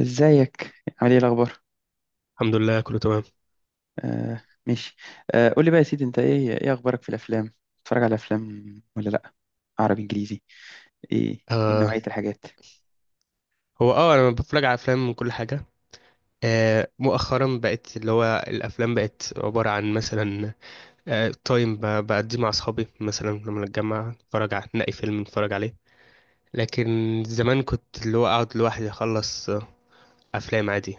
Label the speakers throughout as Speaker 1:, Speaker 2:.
Speaker 1: ازيك، عامل ايه الاخبار؟
Speaker 2: الحمد لله، كله تمام.
Speaker 1: آه، ماشي. آه، قول لي بقى يا سيدي، انت ايه اخبارك في الافلام؟ بتتفرج على افلام ولا لا؟ عربي، انجليزي؟ ايه
Speaker 2: آه
Speaker 1: نوعية الحاجات؟
Speaker 2: هو انا بتفرج على افلام وكل حاجه. مؤخرا بقت اللي هو الافلام بقت عباره عن مثلا تايم، بقضيه مع اصحابي، مثلا لما نتجمع نتفرج على نلاقي فيلم نتفرج عليه. لكن زمان كنت اللي هو اقعد لوحدي اخلص افلام عادي.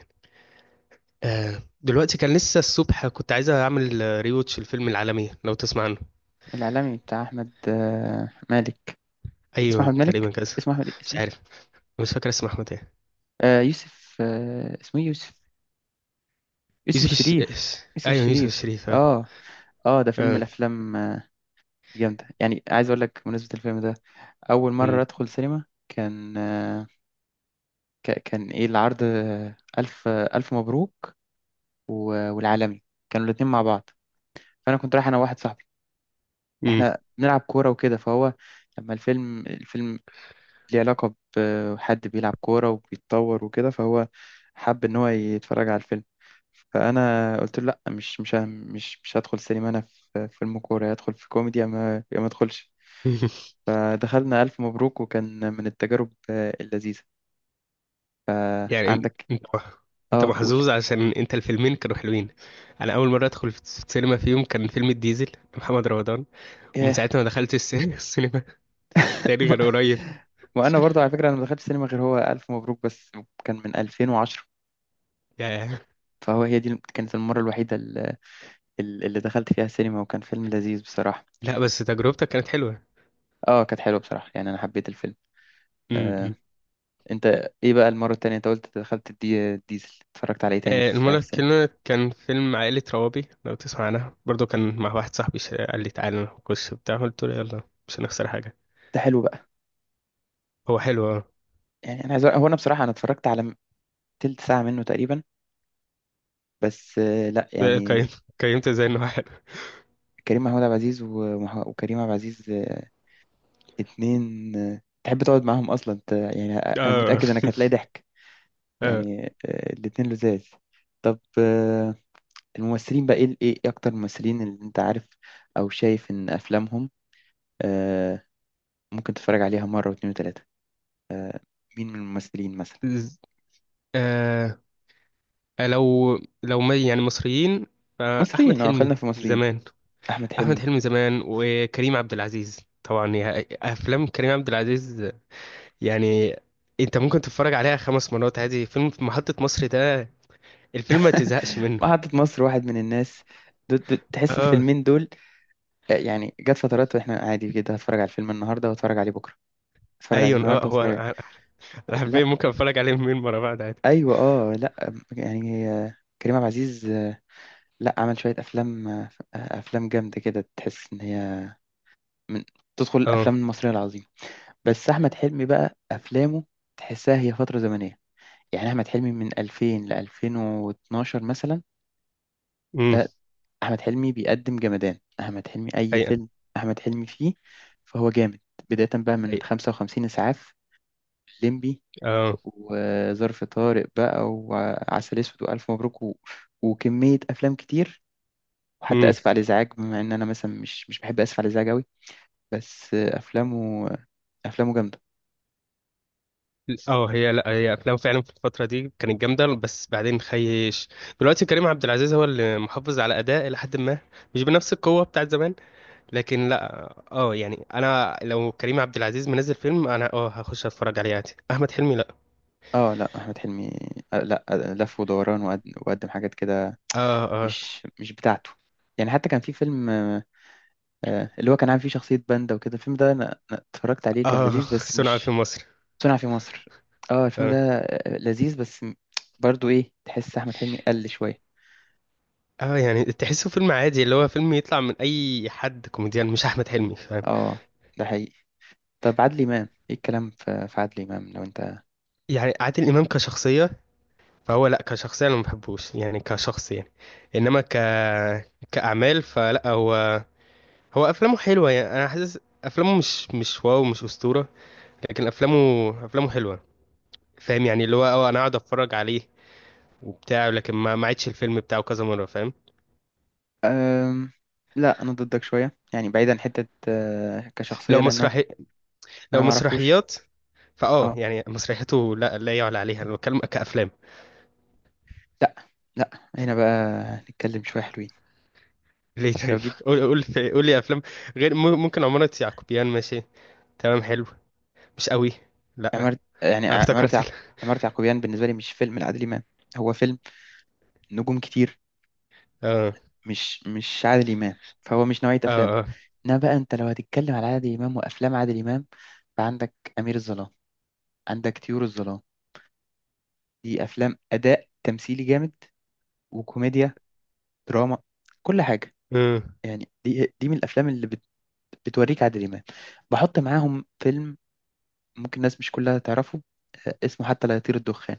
Speaker 2: دلوقتي كان لسه الصبح كنت عايز اعمل ريوتش الفيلم العالمي لو تسمع عنه.
Speaker 1: الاعلامي بتاع احمد، مالك؟ اسمه
Speaker 2: ايوه،
Speaker 1: احمد
Speaker 2: تقريبا
Speaker 1: مالك؟
Speaker 2: كذا.
Speaker 1: اسمه احمد ايه؟
Speaker 2: مش
Speaker 1: اسمه ايه؟
Speaker 2: عارف، مش فاكر اسمه احمد ايه.
Speaker 1: آه، يوسف، اسمه ايه، يوسف؟ يوسف
Speaker 2: يوسف
Speaker 1: الشريف،
Speaker 2: الش...
Speaker 1: يوسف
Speaker 2: ايوه، يوسف
Speaker 1: الشريف،
Speaker 2: الشريف، اه.
Speaker 1: اه. اه، ده فيلم من
Speaker 2: آه.
Speaker 1: الافلام، الجامدة. يعني عايز اقول لك بمناسبة الفيلم ده، اول
Speaker 2: مم.
Speaker 1: مرة ادخل سينما كان ايه العرض، آه، الف مبروك والعالمي، كانوا الاتنين مع بعض. فانا كنت رايح انا وواحد صاحبي،
Speaker 2: مم.
Speaker 1: احنا بنلعب كوره وكده، فهو لما الفيلم ليه علاقه بحد بيلعب كوره وبيتطور وكده، فهو حب ان هو يتفرج على الفيلم. فانا قلت له لا، مش مش ه- مش مش هدخل سينما انا، في فيلم كوره؟ يا ادخل في كوميدي يا ما يا ما ادخلش. فدخلنا الف مبروك وكان من التجارب اللذيذه،
Speaker 2: يعني
Speaker 1: فعندك... اه،
Speaker 2: انت
Speaker 1: قول.
Speaker 2: محظوظ عشان انت الفيلمين كانوا حلوين. انا اول مره ادخل في السينما فيهم كان فيلم الديزل لمحمد رمضان، ومن ساعتها ما دخلتش السينما تاني
Speaker 1: ما
Speaker 2: غير قريب.
Speaker 1: وانا برضه على فكره، انا ما دخلتش سينما غير هو الف مبروك بس، كان من 2010.
Speaker 2: يا
Speaker 1: فهو هي دي كانت المره الوحيده اللي دخلت فيها السينما، وكان فيلم لذيذ بصراحه.
Speaker 2: لا، بس تجربتك كانت حلوة.
Speaker 1: اه، كانت حلوه بصراحه، يعني انا حبيت الفيلم.
Speaker 2: م-
Speaker 1: آه،
Speaker 2: م.
Speaker 1: انت، ايه بقى المره التانية؟ انت قلت دخلت ديزل، اتفرجت عليه تاني في
Speaker 2: المرة
Speaker 1: السينما؟
Speaker 2: التانية كان فيلم عائلة روابي لو تسمع عنها، برضو كان مع واحد صاحبي، قال لي تعالى نخش بتاع، قلت له يلا مش هنخسر حاجة.
Speaker 1: ده حلو بقى.
Speaker 2: هو حلو، اه.
Speaker 1: يعني هو انا بصراحه انا اتفرجت تلت ساعه منه تقريبا، بس لا يعني،
Speaker 2: قيمت زي انه حلو.
Speaker 1: كريم محمود عبد العزيز وكريم عبد العزيز، اتنين، تحب تقعد معاهم اصلا يعني انا
Speaker 2: اه،
Speaker 1: متاكد انك هتلاقي ضحك.
Speaker 2: اه. آه.
Speaker 1: يعني الاتنين لذاذ. طب، الممثلين بقى، ايه اكتر الممثلين اللي انت عارف او شايف ان افلامهم آه، ممكن تتفرج عليها مرة واتنين وتلاتة؟ مين من الممثلين مثلا؟
Speaker 2: آه. لو ما يعني مصريين، فأحمد
Speaker 1: مصريين، اه،
Speaker 2: حلمي
Speaker 1: خلينا في مصريين.
Speaker 2: زمان.
Speaker 1: احمد
Speaker 2: أحمد
Speaker 1: حلمي.
Speaker 2: حلمي زمان وكريم عبد العزيز طبعا أفلام كريم عبد العزيز يعني أنت ممكن تتفرج عليها خمس مرات عادي. فيلم في محطة مصر ده، الفيلم ما تزهقش منه.
Speaker 1: محطة مصر، واحد من الناس، تحس
Speaker 2: اه،
Speaker 1: الفيلمين دول، يعني جت فترات واحنا عادي كده هتفرج على الفيلم النهارده واتفرج عليه بكره، اتفرج عليه
Speaker 2: أيون، اه،
Speaker 1: النهارده
Speaker 2: هو،
Speaker 1: واتفرج عليه.
Speaker 2: أنا حرفيا
Speaker 1: لا،
Speaker 2: ممكن أتفرج عليه مليون مرة بعد عادي.
Speaker 1: ايوه، اه، لا يعني، كريم عبد العزيز، لا عمل شوية أفلام، أفلام جامدة كده، تحس إن هي من تدخل
Speaker 2: اه،
Speaker 1: الأفلام المصرية العظيمة. بس أحمد حلمي بقى، أفلامه تحسها هي فترة زمنية. يعني أحمد حلمي من 2000 ل 2012 مثلا،
Speaker 2: امم،
Speaker 1: ده أحمد حلمي بيقدم جمدان، أحمد حلمي أي
Speaker 2: حقيقة،
Speaker 1: فيلم أحمد حلمي فيه فهو جامد. بداية بقى من
Speaker 2: حقيقة،
Speaker 1: 55 إسعاف، الليمبي،
Speaker 2: اه،
Speaker 1: وظرف طارق بقى، وعسل أسود، وألف مبروك، وكمية أفلام كتير، وحتى اسف على الازعاج. بما ان انا مثلا مش بحب اسف على الازعاج قوي، بس افلامه جامده.
Speaker 2: اه. هي، لا، هي افلام فعلا في الفتره دي كانت جامده، بس بعدين خيش. دلوقتي كريم عبد العزيز هو اللي محافظ على اداء الى حد ما، مش بنفس القوه بتاعت زمان، لكن لا. اه، يعني انا لو كريم عبد العزيز منزل فيلم انا هخش اتفرج عليه عادي، احمد حلمي لا.
Speaker 1: اه لا، احمد حلمي لا لف ودوران، وقدم حاجات كده
Speaker 2: اه، اه،
Speaker 1: مش بتاعته. يعني حتى كان في فيلم، اللي هو كان عامل فيه شخصيه باندا وكده، الفيلم ده انا اتفرجت عليه كان
Speaker 2: اه.
Speaker 1: لذيذ بس
Speaker 2: صنع في
Speaker 1: مش...
Speaker 2: مصر.
Speaker 1: صنع في مصر. اه، الفيلم ده
Speaker 2: اه،
Speaker 1: لذيذ بس برضو ايه، تحس احمد حلمي قل شويه.
Speaker 2: اه، يعني تحسه فيلم عادي، اللي هو فيلم يطلع من اي حد كوميديان مش احمد حلمي، فاهم؟
Speaker 1: اه، ده حقيقي. طب عادل امام، ايه الكلام في عادل امام لو انت...
Speaker 2: يعني عادل امام كشخصيه، فهو لا، كشخصية انا ما بحبوش، يعني كشخص، يعني. انما كاعمال، فلا. هو، هو افلامه حلوة يعني انا حاسس افلامه مش واو، مش اسطورة. لكن افلامه حلوة. فاهم؟ يعني اللي هو اه انا اقعد اتفرج عليه وبتاع، لكن ما عيدش الفيلم بتاعه كذا مرة، فاهم؟
Speaker 1: أم... لا، انا ضدك شويه، يعني بعيدا عن حته كشخصيه،
Speaker 2: لو
Speaker 1: لان انا
Speaker 2: مسرحي لو
Speaker 1: أنا ما اعرفوش.
Speaker 2: مسرحيات. فاه،
Speaker 1: اه
Speaker 2: يعني مسرحيته لا، لا يعلى عليها، انا بتكلم كافلام.
Speaker 1: لا، لا هنا بقى نتكلم شويه حلوين.
Speaker 2: ليه،
Speaker 1: لو
Speaker 2: طيب؟
Speaker 1: جيت
Speaker 2: قول، قول. قول لي افلام غير، ممكن عمارة يعقوبيان، ماشي، تمام، حلو، مش قوي. لا
Speaker 1: يعني
Speaker 2: أنا
Speaker 1: عمارة
Speaker 2: افتكرت.
Speaker 1: يعقوب... عمارة يعقوبيان بالنسبه لي مش فيلم لعادل امام، هو فيلم نجوم كتير،
Speaker 2: اه،
Speaker 1: مش عادل امام، فهو مش نوعيه افلامه.
Speaker 2: اه، اه،
Speaker 1: انما بقى انت لو هتتكلم على عادل امام وافلام عادل امام، فعندك امير الظلام، عندك طيور الظلام. دي افلام اداء تمثيلي جامد، وكوميديا، دراما، كل حاجه.
Speaker 2: امم.
Speaker 1: يعني دي من الافلام اللي بتوريك عادل إمام. بحط معاهم فيلم ممكن الناس مش كلها تعرفه، اسمه حتى لا يطير الدخان.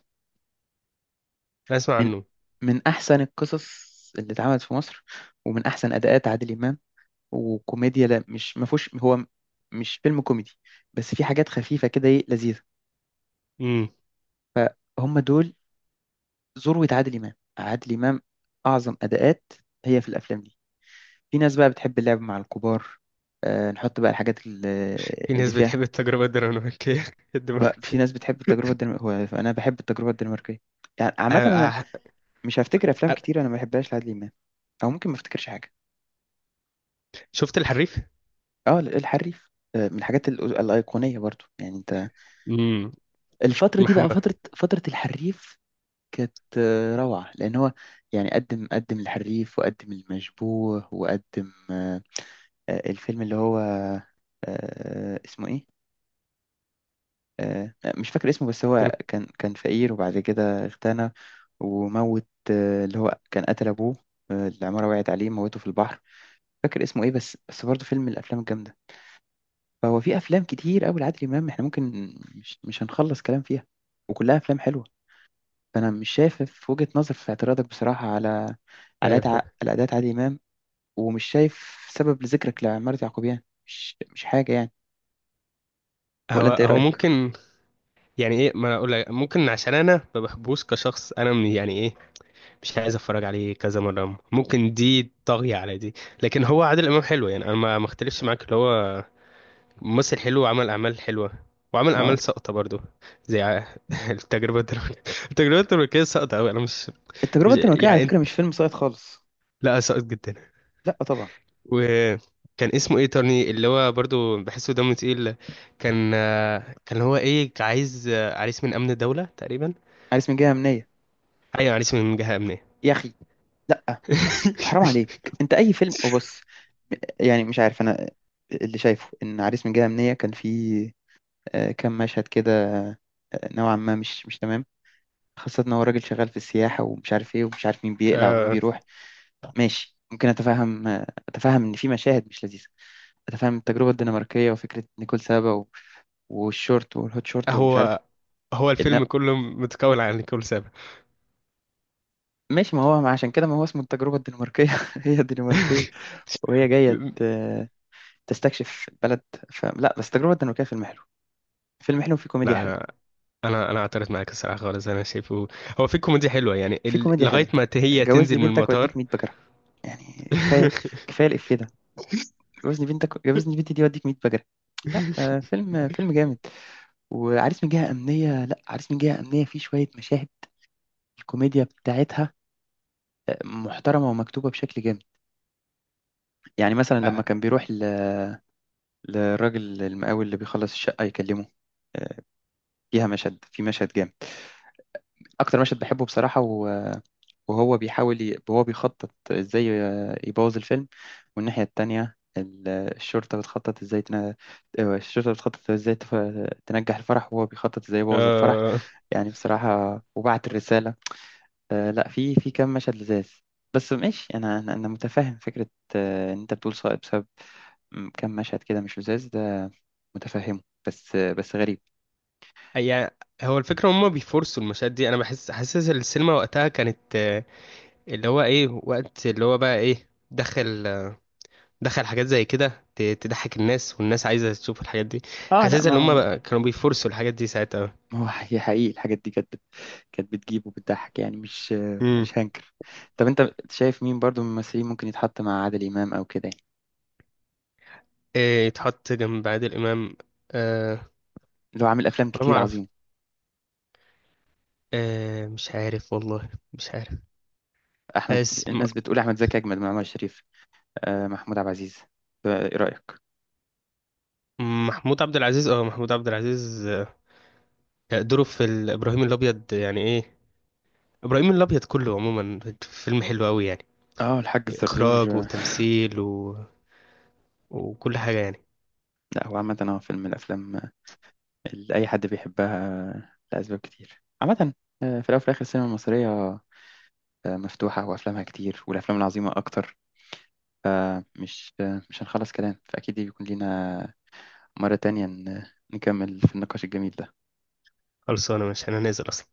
Speaker 2: اسمع
Speaker 1: من
Speaker 2: عنه.
Speaker 1: من أحسن القصص اللي اتعملت في مصر، ومن أحسن أداءات عادل إمام. وكوميديا، لا مش ما فيهوش، هو مش فيلم كوميدي، بس في حاجات خفيفة كده، إيه، لذيذة.
Speaker 2: امم.
Speaker 1: هم دول ذروة عادل إمام، عادل إمام أعظم أداءات هي في الأفلام دي. في ناس بقى بتحب اللعب مع الكبار، نحط بقى الحاجات اللي
Speaker 2: في
Speaker 1: اللي
Speaker 2: ناس
Speaker 1: فيها...
Speaker 2: بتحب التجربه الدنماركيه.
Speaker 1: بقى في ناس
Speaker 2: الدنماركيه.
Speaker 1: بتحب التجربة الدنماركية. هو أنا بحب التجربة الدنماركية، يعني
Speaker 2: آه،
Speaker 1: عامة أنا
Speaker 2: آه،
Speaker 1: مش هفتكر أفلام
Speaker 2: آه.
Speaker 1: كتير أنا ما بحبهاش لعادل إمام، أو ممكن ما افتكرش حاجة.
Speaker 2: شفت الحريف؟
Speaker 1: أه، الحريف، من الحاجات الأيقونية برضو يعني، أنت
Speaker 2: امم،
Speaker 1: الفترة دي بقى
Speaker 2: محمد.
Speaker 1: فترة الحريف، كانت روعة، لأن هو يعني قدم الحريف، وقدم المشبوه، وقدم الفيلم اللي هو اسمه إيه، مش فاكر اسمه، بس هو كان فقير وبعد كده اغتنى، وموت اللي هو كان قتل أبوه، العمارة وقعت عليه، موته في البحر. فاكر اسمه إيه، بس برضه فيلم من الأفلام الجامدة. فهو في أفلام كتير أوي لعادل إمام، إحنا ممكن مش هنخلص كلام فيها، وكلها أفلام حلوة. فأنا مش شايف في وجهة نظر في اعتراضك بصراحة على على أدع-
Speaker 2: عارف ده.
Speaker 1: على أداء عادل إمام، ومش شايف سبب لذكرك لعمارة يعقوبيان، مش حاجة يعني. ولا
Speaker 2: هو
Speaker 1: أنت إيه
Speaker 2: هو
Speaker 1: رأيك؟
Speaker 2: ممكن. يعني ايه، ما أنا اقول لك ممكن عشان انا ما بحبوش كشخص، انا من، يعني ايه، مش عايز اتفرج عليه كذا مره، ممكن دي طاغيه على دي. لكن هو عادل امام حلو، يعني انا ما اختلفش معاك، اللي هو ممثل حلو وعمل اعمال حلوه، وعمل اعمال
Speaker 1: أه.
Speaker 2: ساقطه برضو، زي التجربه الدنماركيه. التجربة التركية ساقطة أوي، أنا مش،
Speaker 1: التجربة الدنماركية على
Speaker 2: يعني انت،
Speaker 1: فكرة مش فيلم ساقط خالص.
Speaker 2: لا، سقط جدا.
Speaker 1: لا طبعا.
Speaker 2: وكان اسمه ايه، ترني، اللي هو برضو بحسه دمه تقيل. كان هو، ايه، عايز عريس من امن الدولة تقريبا.
Speaker 1: عريس من جهة أمنية؟
Speaker 2: ايوه، عريس من جهة امنية.
Speaker 1: يا أخي لا، حرام عليك. أنت أي فيلم... وبص، يعني مش عارف أنا، اللي شايفه إن عريس من جهة أمنية كان فيه كام مشهد كده نوعا ما مش تمام، خاصة إن هو راجل شغال في السياحة ومش عارف إيه ومش عارف مين بيقلع ومين
Speaker 2: آه،
Speaker 1: بيروح. ماشي، ممكن أتفهم، أتفهم إن في مشاهد مش لذيذة، أتفهم التجربة الدنماركية وفكرة نيكول سابا والشورت والهوت شورت، ومش عارف
Speaker 2: هو هو
Speaker 1: إيه. إن
Speaker 2: الفيلم كله متكون عن كل سبب.
Speaker 1: ماشي، ما هو ما عشان كده ما هو اسمه التجربة الدنماركية. هي دنماركية وهي جاية تستكشف البلد، فلا بس، تجربة دنماركية فيلم حلو، فيلم حلو وفيه كوميديا
Speaker 2: لا،
Speaker 1: حلوة.
Speaker 2: انا اعترض معاك الصراحه خالص، انا شايفه هو في كوميديا حلوه، يعني
Speaker 1: في كوميديا
Speaker 2: لغايه
Speaker 1: حلوة،
Speaker 2: ما هي
Speaker 1: جوزني
Speaker 2: تنزل من
Speaker 1: بنتك
Speaker 2: المطار.
Speaker 1: واديك 100 بجرة، يعني كفاية كفاية الإفيه ده، جوزني بنتك، جوزني بنتي دي واديك 100 بجرة. لا، فيلم جامد. وعريس من جهة أمنية، لا عريس من جهة أمنية فيه شوية مشاهد الكوميديا بتاعتها محترمة ومكتوبة بشكل جامد. يعني مثلا لما كان بيروح للراجل المقاول اللي بيخلص الشقة يكلمه، آه، فيها مشهد، في مشهد جامد، اكتر مشهد بحبه بصراحه وهو بيحاول وهو بيخطط ازاي يبوظ الفيلم، والناحيه التانية الشرطه بتخطط ازاي الشرطه بتخطط ازاي تف... تنجح الفرح، وهو بيخطط ازاي يبوظ الفرح،
Speaker 2: آه،
Speaker 1: يعني بصراحه وبعت الرساله. لا، في كام مشهد لذاذ. بس ماشي، انا متفهم فكره، ان انت بتقول صائب بسبب كام مشهد كده مش لذاذ، ده متفهمه. بس غريب.
Speaker 2: يعني هو الفكرة هما بيفرصوا المشاهد دي، أنا حاسس السينما وقتها كانت اللي هو إيه وقت اللي هو بقى، إيه، دخل دخل حاجات زي كده تضحك الناس، والناس عايزة تشوف الحاجات دي.
Speaker 1: اه لا،
Speaker 2: حاسس إن هما
Speaker 1: ما
Speaker 2: بقى كانوا بيفرصوا الحاجات دي ساعتها.
Speaker 1: ما هو هي حقيقي الحاجات دي كانت بتجيب وبتضحك، يعني مش
Speaker 2: امم،
Speaker 1: مش هنكر. طب انت شايف مين برضو من الممثلين ممكن يتحط مع عادل امام او كده يعني،
Speaker 2: إيه يتحط جنب عادل إمام؟ أه،
Speaker 1: اللي هو عامل افلام
Speaker 2: ولا، ما
Speaker 1: كتير
Speaker 2: أعرف.
Speaker 1: عظيمه؟
Speaker 2: أه مش عارف، والله مش عارف.
Speaker 1: احمد...
Speaker 2: بس
Speaker 1: الناس بتقول احمد زكي اجمد من عمر شريف. آه محمود عبد العزيز، ايه رايك؟
Speaker 2: محمود عبد العزيز، دوره في إبراهيم الأبيض يعني إيه. ابراهيم الابيض كله عموما فيلم حلو قوي، يعني
Speaker 1: اه الحاج الزرزور،
Speaker 2: إخراج وتمثيل وكل حاجة، يعني
Speaker 1: لا هو عامه هو فيلم من الافلام اللي اي حد بيحبها لاسباب كتير عامه. في الاول وفي الاخر السينما المصريه مفتوحه وافلامها كتير والافلام العظيمه اكتر، فمش آه، مش هنخلص كلام، فاكيد بيكون لينا مرة تانية نكمل في النقاش الجميل ده.
Speaker 2: خلصانة مش هننزل أصلا.